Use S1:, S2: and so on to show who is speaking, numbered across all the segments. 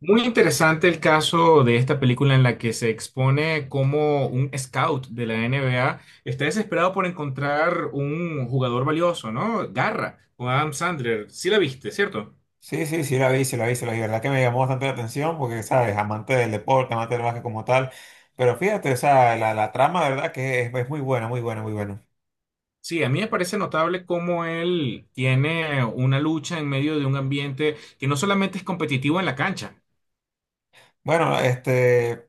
S1: Muy interesante el caso de esta película en la que se expone cómo un scout de la NBA está desesperado por encontrar un jugador valioso, ¿no? Garra, o Adam Sandler. Sí la viste, ¿cierto?
S2: Sí, sí, sí la vi, sí la vi, sí la vi. La verdad que me llamó bastante la atención porque, ¿sabes? Amante del deporte, amante del básquet como tal. Pero fíjate, o sea, la trama, de verdad que es muy buena, muy buena, muy buena.
S1: Sí, a mí me parece notable cómo él tiene una lucha en medio de un ambiente que no solamente es competitivo en la cancha.
S2: Bueno,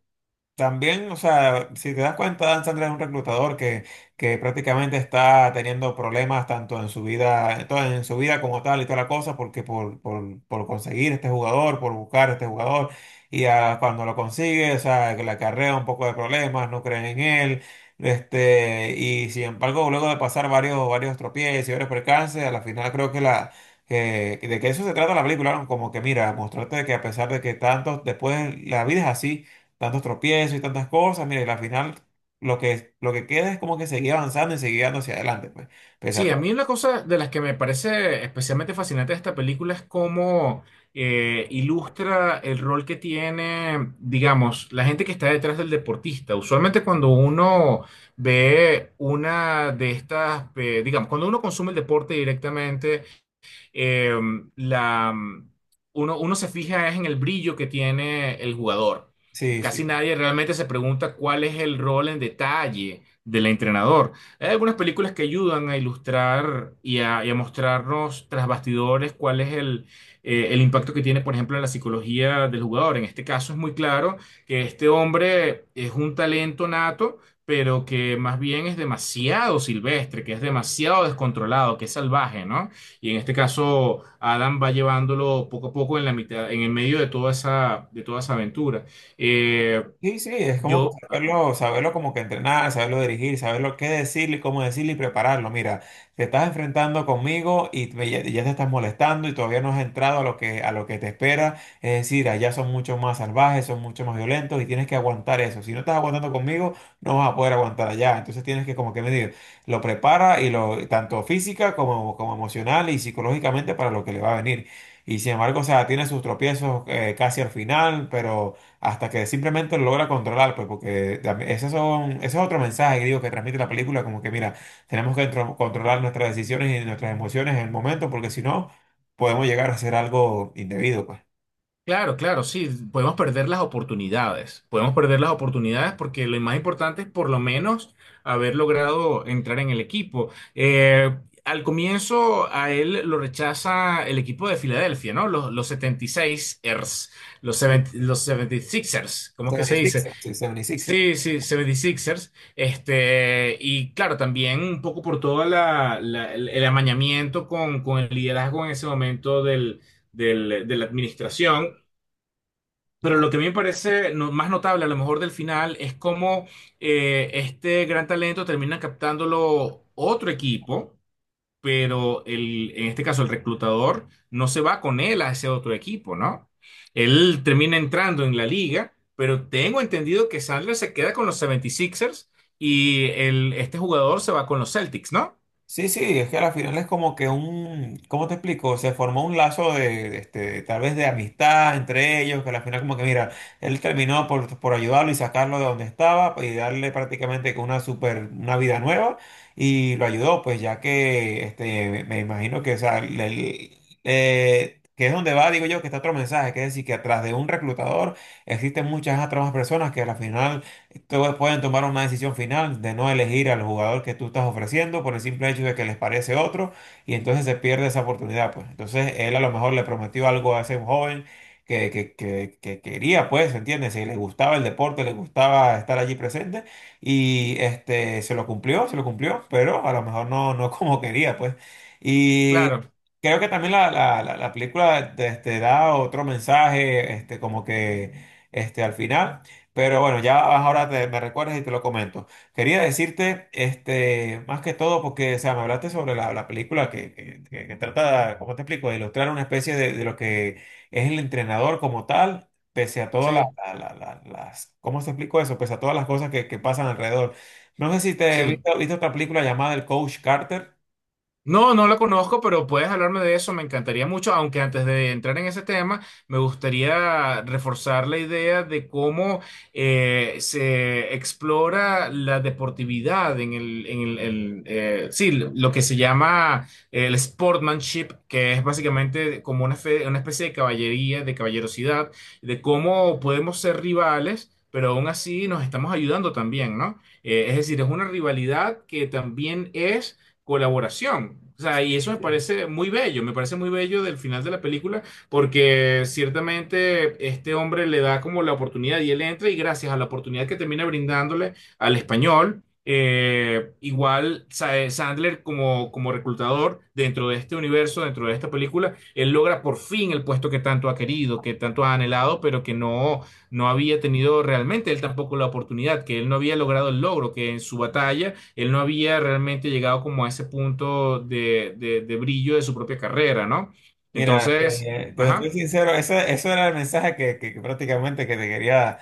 S2: también, o sea, si te das cuenta, Dan Sandler es un reclutador que prácticamente está teniendo problemas tanto en su vida, en su vida como tal y toda la cosa, porque por conseguir este jugador, por buscar este jugador, y cuando lo consigue, o sea, que le acarrea un poco de problemas, no creen en él, y sin embargo, luego de pasar varios tropiezos y varios percances, a la final creo de que eso se trata la película, ¿no? Como que mira, mostrarte que a pesar de que tantos, después la vida es así tantos tropiezos y tantas cosas, mira, y al final lo que queda es como que seguir avanzando y seguir dando hacia adelante, pues, pese a
S1: Sí, a mí
S2: todo.
S1: una cosa de las que me parece especialmente fascinante de esta película es cómo ilustra el rol que tiene, digamos, la gente que está detrás del deportista. Usualmente cuando uno ve una de estas, digamos, cuando uno consume el deporte directamente, eh, la, mm, uno se fija es en el brillo que tiene el jugador.
S2: Sí, sí.
S1: Casi nadie realmente se pregunta cuál es el rol en detalle del entrenador. Hay algunas películas que ayudan a ilustrar y a mostrarnos tras bastidores cuál es el impacto que tiene, por ejemplo, en la psicología del jugador. En este caso es muy claro que este hombre es un talento nato, pero que más bien es demasiado silvestre, que es demasiado descontrolado, que es salvaje, ¿no? Y en este caso, Adam va llevándolo poco a poco en la mitad, en el medio de toda esa aventura. Eh,
S2: Sí, sí, es como que
S1: yo,
S2: saberlo como que entrenar, saberlo dirigir, saberlo qué decirle, cómo decirle y prepararlo. Mira, te estás enfrentando conmigo y ya te estás molestando y todavía no has entrado a lo que te espera. Es decir, allá son mucho más salvajes, son mucho más violentos y tienes que aguantar eso. Si no estás aguantando conmigo, no vas a poder aguantar allá. Entonces tienes que como que medir, lo prepara y lo, tanto física como, como emocional y psicológicamente para lo que le va a venir. Y sin embargo, o sea, tiene sus tropiezos casi al final, pero hasta que simplemente lo logra controlar, pues, porque ese es otro mensaje que digo que transmite la película, como que mira, tenemos que controlar nuestras decisiones y nuestras emociones en el momento, porque si no, podemos llegar a hacer algo indebido, pues.
S1: claro, claro, sí, podemos perder las oportunidades. Podemos perder las oportunidades porque lo más importante es por lo menos haber logrado entrar en el equipo. Al comienzo, a él lo rechaza el equipo de Filadelfia, ¿no? Los 76ers, los,
S2: Sí.
S1: 70 los 76ers, ¿cómo es que se
S2: 76er,
S1: dice?
S2: sí, 76er.
S1: Sí, sí, 76ers. Este, y claro, también un poco por todo la, la- el amañamiento con el liderazgo en ese momento del, del- de la administración. Pero lo que a mí me parece no- más notable, a lo mejor del final, es cómo este gran talento termina captándolo otro equipo, pero el, en este caso el reclutador no se va con él a ese otro equipo, ¿no? Él termina entrando en la liga, pero tengo entendido que Sandler se queda con los 76 Sixers y el, este jugador se va con los Celtics, ¿no?
S2: Sí, sí, es que al final es como que un, ¿cómo te explico? Se formó un lazo de tal vez de amistad entre ellos, que al final como que mira, él terminó por ayudarlo y sacarlo de donde estaba pues, y darle prácticamente que una super, una vida nueva y lo ayudó, pues ya que este, me imagino que, o sea, que es donde va, digo yo, que está otro mensaje, que es decir, que atrás de un reclutador existen muchas otras personas que al final entonces pueden tomar una decisión final de no elegir al jugador que tú estás ofreciendo por el simple hecho de que les parece otro y entonces se pierde esa oportunidad, pues. Entonces él a lo mejor le prometió algo a ese joven que quería, pues, ¿entiendes? Si le gustaba el deporte, le gustaba estar allí presente y este, se lo cumplió, pero a lo mejor no, no como quería, pues. Y
S1: Claro,
S2: creo que también la película da otro mensaje, como que al final. Pero bueno, ya ahora me recuerdas y te lo comento. Quería decirte, más que todo, porque, o sea, me hablaste sobre la película que trata, ¿cómo te explico?, de ilustrar una especie de lo que es el entrenador como tal, pese a todas
S1: sí,
S2: las, ¿cómo te explico eso? Pese a todas las cosas que pasan alrededor. No sé si te
S1: sí.
S2: viste, viste otra película llamada El Coach Carter.
S1: No, no la conozco, pero puedes hablarme de eso, me encantaría mucho, aunque antes de entrar en ese tema, me gustaría reforzar la idea de cómo se explora la deportividad en el, sí, lo que se llama el sportsmanship, que es básicamente como una, fe- una especie de caballería, de caballerosidad, de cómo podemos ser rivales. Pero aún así nos estamos ayudando también, ¿no? Es decir, es una rivalidad que también es colaboración. O sea, y eso me parece muy bello, me parece muy bello del final de la película, porque ciertamente este hombre le da como la oportunidad y él entra y gracias a la oportunidad que termina brindándole al español, igual Sa- Sandler como, como reclutador dentro de este universo, dentro de esta película, él logra por fin el puesto que tanto ha querido, que tanto ha anhelado, pero que no, no había tenido realmente él tampoco la oportunidad, que él no había logrado el logro, que en su batalla él no había realmente llegado como a ese punto de brillo de su propia carrera, ¿no?
S2: Mira,
S1: Entonces,
S2: te soy
S1: ajá,
S2: sincero, eso era el mensaje que prácticamente que te quería,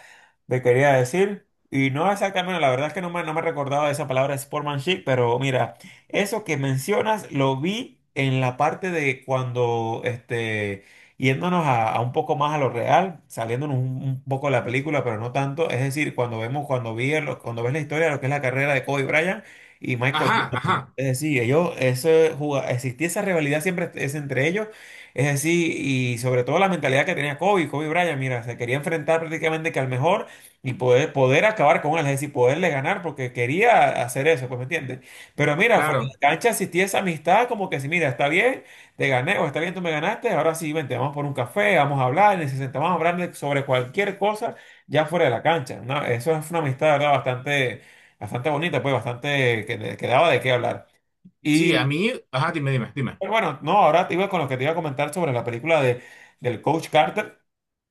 S2: te quería decir. Y no exactamente, la verdad es que no me recordaba esa palabra sportsmanship, pero mira, eso que mencionas lo vi en la parte de cuando, yéndonos a un poco más a lo real, saliéndonos un poco de la película, pero no tanto. Es decir, cuando vemos, cuando vi, el- cuando ves la historia de lo que es la carrera de Kobe Bryant y Michael
S1: ajá,
S2: Jordan.
S1: ajá,
S2: Es decir, ellos, existía esa rivalidad siempre es entre ellos. Es así, y sobre todo la mentalidad que tenía Kobe Bryant, mira, se quería enfrentar prácticamente que al mejor y poder acabar con él, es decir, poderle ganar porque quería hacer eso, pues, ¿me entiendes? Pero mira, fuera de
S1: claro.
S2: la cancha existía esa amistad como que si, mira, está bien, te gané o está bien, tú me ganaste, ahora sí, vente, vamos por un café, vamos a hablar, y se sentaban a hablar sobre cualquier cosa ya fuera de la cancha, ¿no? Eso es una amistad, ¿verdad? Bastante, bastante bonita, pues, bastante que daba de qué hablar.
S1: Sí, a mí, ajá, dime, dime, dime.
S2: Pero bueno, no, ahora te iba con lo que te iba a comentar sobre la película del Coach Carter.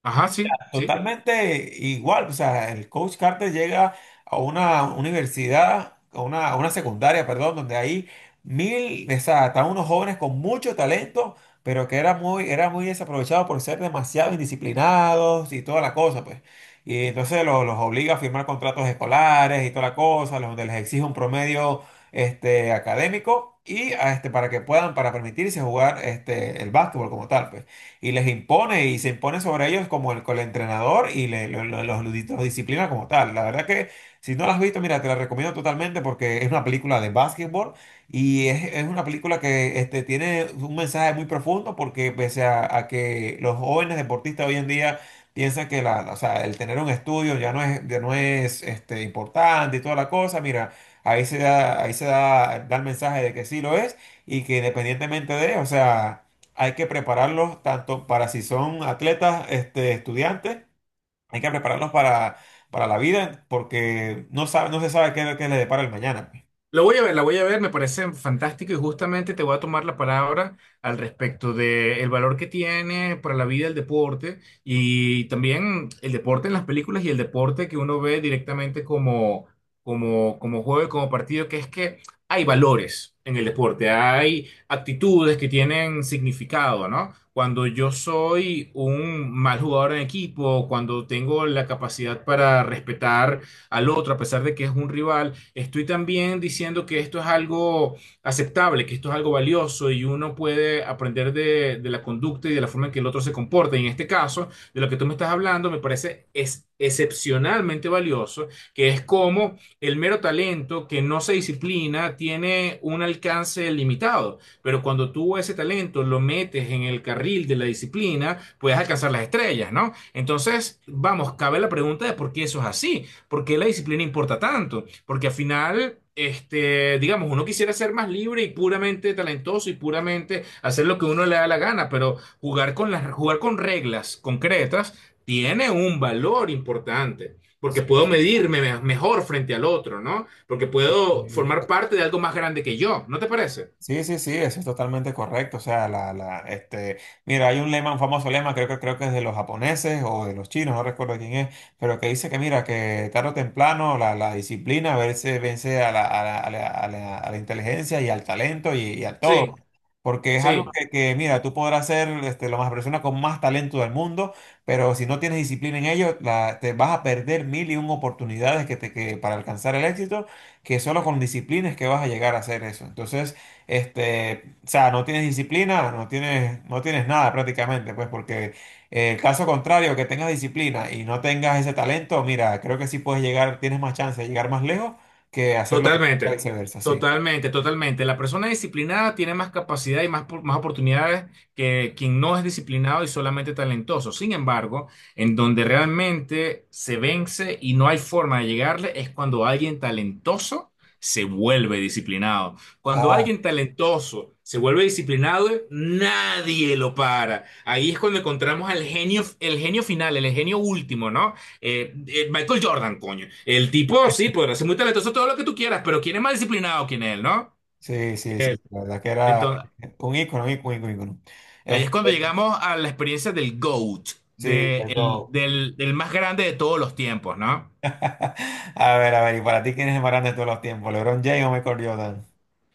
S1: Ajá, sí, sí.
S2: Totalmente igual, o sea, el coach Carter llega a una universidad, a una secundaria, perdón, donde hay mil, o sea, están unos jóvenes con mucho talento, pero que era muy desaprovechado por ser demasiado indisciplinados y toda la cosa, pues. Y entonces los obliga a firmar contratos escolares y toda la cosa, donde les exige un promedio académico y a, para que puedan, para permitirse jugar el básquetbol como tal, pues y les impone y se impone sobre ellos como con el entrenador y los disciplina como tal. La verdad que si no la has visto, mira, te la recomiendo totalmente porque es una película de básquetbol y es una película que tiene un mensaje muy profundo porque pese a que los jóvenes deportistas hoy en día... Piensan que la, o sea, el tener un estudio ya no es importante y toda la cosa. Mira, da el mensaje de que sí lo es y que independientemente de, o sea, hay que prepararlos tanto para si son atletas, estudiantes, hay que prepararlos para la vida porque no se sabe qué les depara el mañana. Pues.
S1: Lo voy a ver, la voy a ver, me parece fantástico y justamente te voy a tomar la palabra al respecto del valor que tiene para la vida el deporte y también el deporte en las películas y el deporte que uno ve directamente como, como, como juego y como partido, que es que hay valores en el deporte, hay actitudes que tienen significado, ¿no? Cuando yo soy un mal jugador en equipo, cuando tengo la capacidad para respetar al otro a pesar de que es un rival. Estoy también diciendo que esto es algo aceptable, que esto es algo valioso y uno puede aprender de la conducta y de la forma en que el otro se comporta. Y en este caso, de lo que tú me estás hablando, me parece es excepcionalmente valioso, que es como el mero talento que no se disciplina tiene un alcance limitado, pero cuando tú ese talento lo metes en el carril de la disciplina, puedes alcanzar las estrellas, ¿no? Entonces, vamos, cabe la pregunta de por qué eso es así. ¿Por qué la disciplina importa tanto? Porque al final, este, digamos, uno quisiera ser más libre y puramente talentoso y puramente hacer lo que uno le da la gana, pero jugar con las, jugar con reglas concretas tiene un valor importante, porque puedo medirme me- mejor frente al otro, ¿no? Porque
S2: Sí,
S1: puedo formar
S2: sí.
S1: parte de algo más grande que yo, ¿no te parece?
S2: Sí, sí, sí, eso es totalmente correcto. O sea, mira, hay un lema, un famoso lema, creo que es de los japoneses o de los chinos, no recuerdo quién es, pero que dice que, mira, que tarde o temprano la disciplina vence a la, a la, a la, a la- a la inteligencia y al talento y a todo.
S1: Sí,
S2: Porque es algo
S1: sí.
S2: mira, tú podrás ser este, la más persona con más talento del mundo, pero si no tienes disciplina en ello, te vas a perder mil y un oportunidades para alcanzar el éxito, que solo con disciplina es que vas a llegar a hacer eso. Entonces, o sea, no tienes disciplina, no tienes nada prácticamente, pues porque el caso contrario, que tengas disciplina y no tengas ese talento, mira, creo que sí puedes llegar, tienes más chance de llegar más lejos que hacerlo
S1: Totalmente,
S2: viceversa, sí.
S1: totalmente, totalmente. La persona disciplinada tiene más capacidad y más, por- más oportunidades que quien no es disciplinado y solamente talentoso. Sin embargo, en donde realmente se vence y no hay forma de llegarle es cuando alguien talentoso se vuelve disciplinado. Cuando
S2: Ah,
S1: alguien talentoso se vuelve disciplinado, nadie lo para. Ahí es cuando encontramos al genio, el genio final, el genio último, ¿no? Michael Jordan, coño. El tipo, sí, podrá ser muy talentoso, todo lo que tú quieras, pero ¿quién es más disciplinado que él, no?
S2: sí, sí,
S1: Que él.
S2: sí, la verdad que era
S1: Entonces,
S2: un ícono, un ícono, un ícono.
S1: ahí es
S2: Este,
S1: cuando llegamos a la experiencia del GOAT,
S2: sí,
S1: de el-
S2: algo.
S1: del, del más grande de todos los tiempos, ¿no?
S2: A ver, ¿y para ti quién es el más grande de todos los tiempos? ¿LeBron James o Michael Jordan?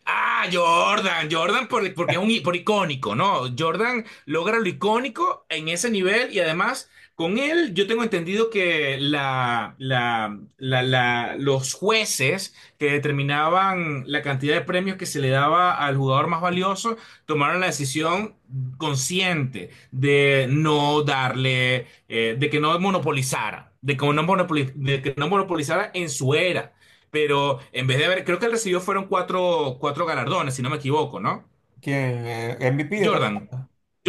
S1: Ah, Jordan, Jordan por- porque es un i- por icónico, ¿no? Jordan logra lo icónico en ese nivel y además con él yo tengo entendido que la- los jueces que determinaban la cantidad de premios que se le daba al jugador más valioso tomaron la decisión consciente de no darle, de que no monopolizara, de que no monopoli- de que no monopolizara en su era. Pero en vez de haber, creo que él recibió fueron 4, cuatro galardones, si no me equivoco, ¿no?
S2: ¿Quién? ¿MVP de tal-
S1: Jordan.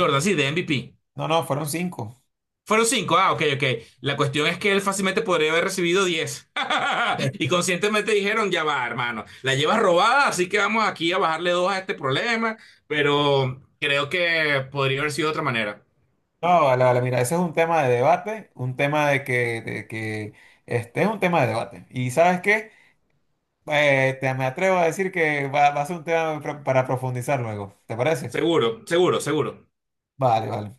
S1: Jordan, sí, de MVP.
S2: No, no, fueron cinco.
S1: Fueron 5, ah, ok, ok. La cuestión es que él fácilmente podría haber recibido 10. Y conscientemente dijeron, ya va, hermano, la llevas robada, así que vamos aquí a bajarle 2 a este problema, pero creo que podría haber sido de otra manera.
S2: No, vale, vale, mira, ese es un tema de debate, un tema de que este es un tema de debate. Y sabes qué, me atrevo a decir que va a ser un tema para profundizar luego, ¿te parece?
S1: Seguro, seguro, seguro.
S2: Vale, vale.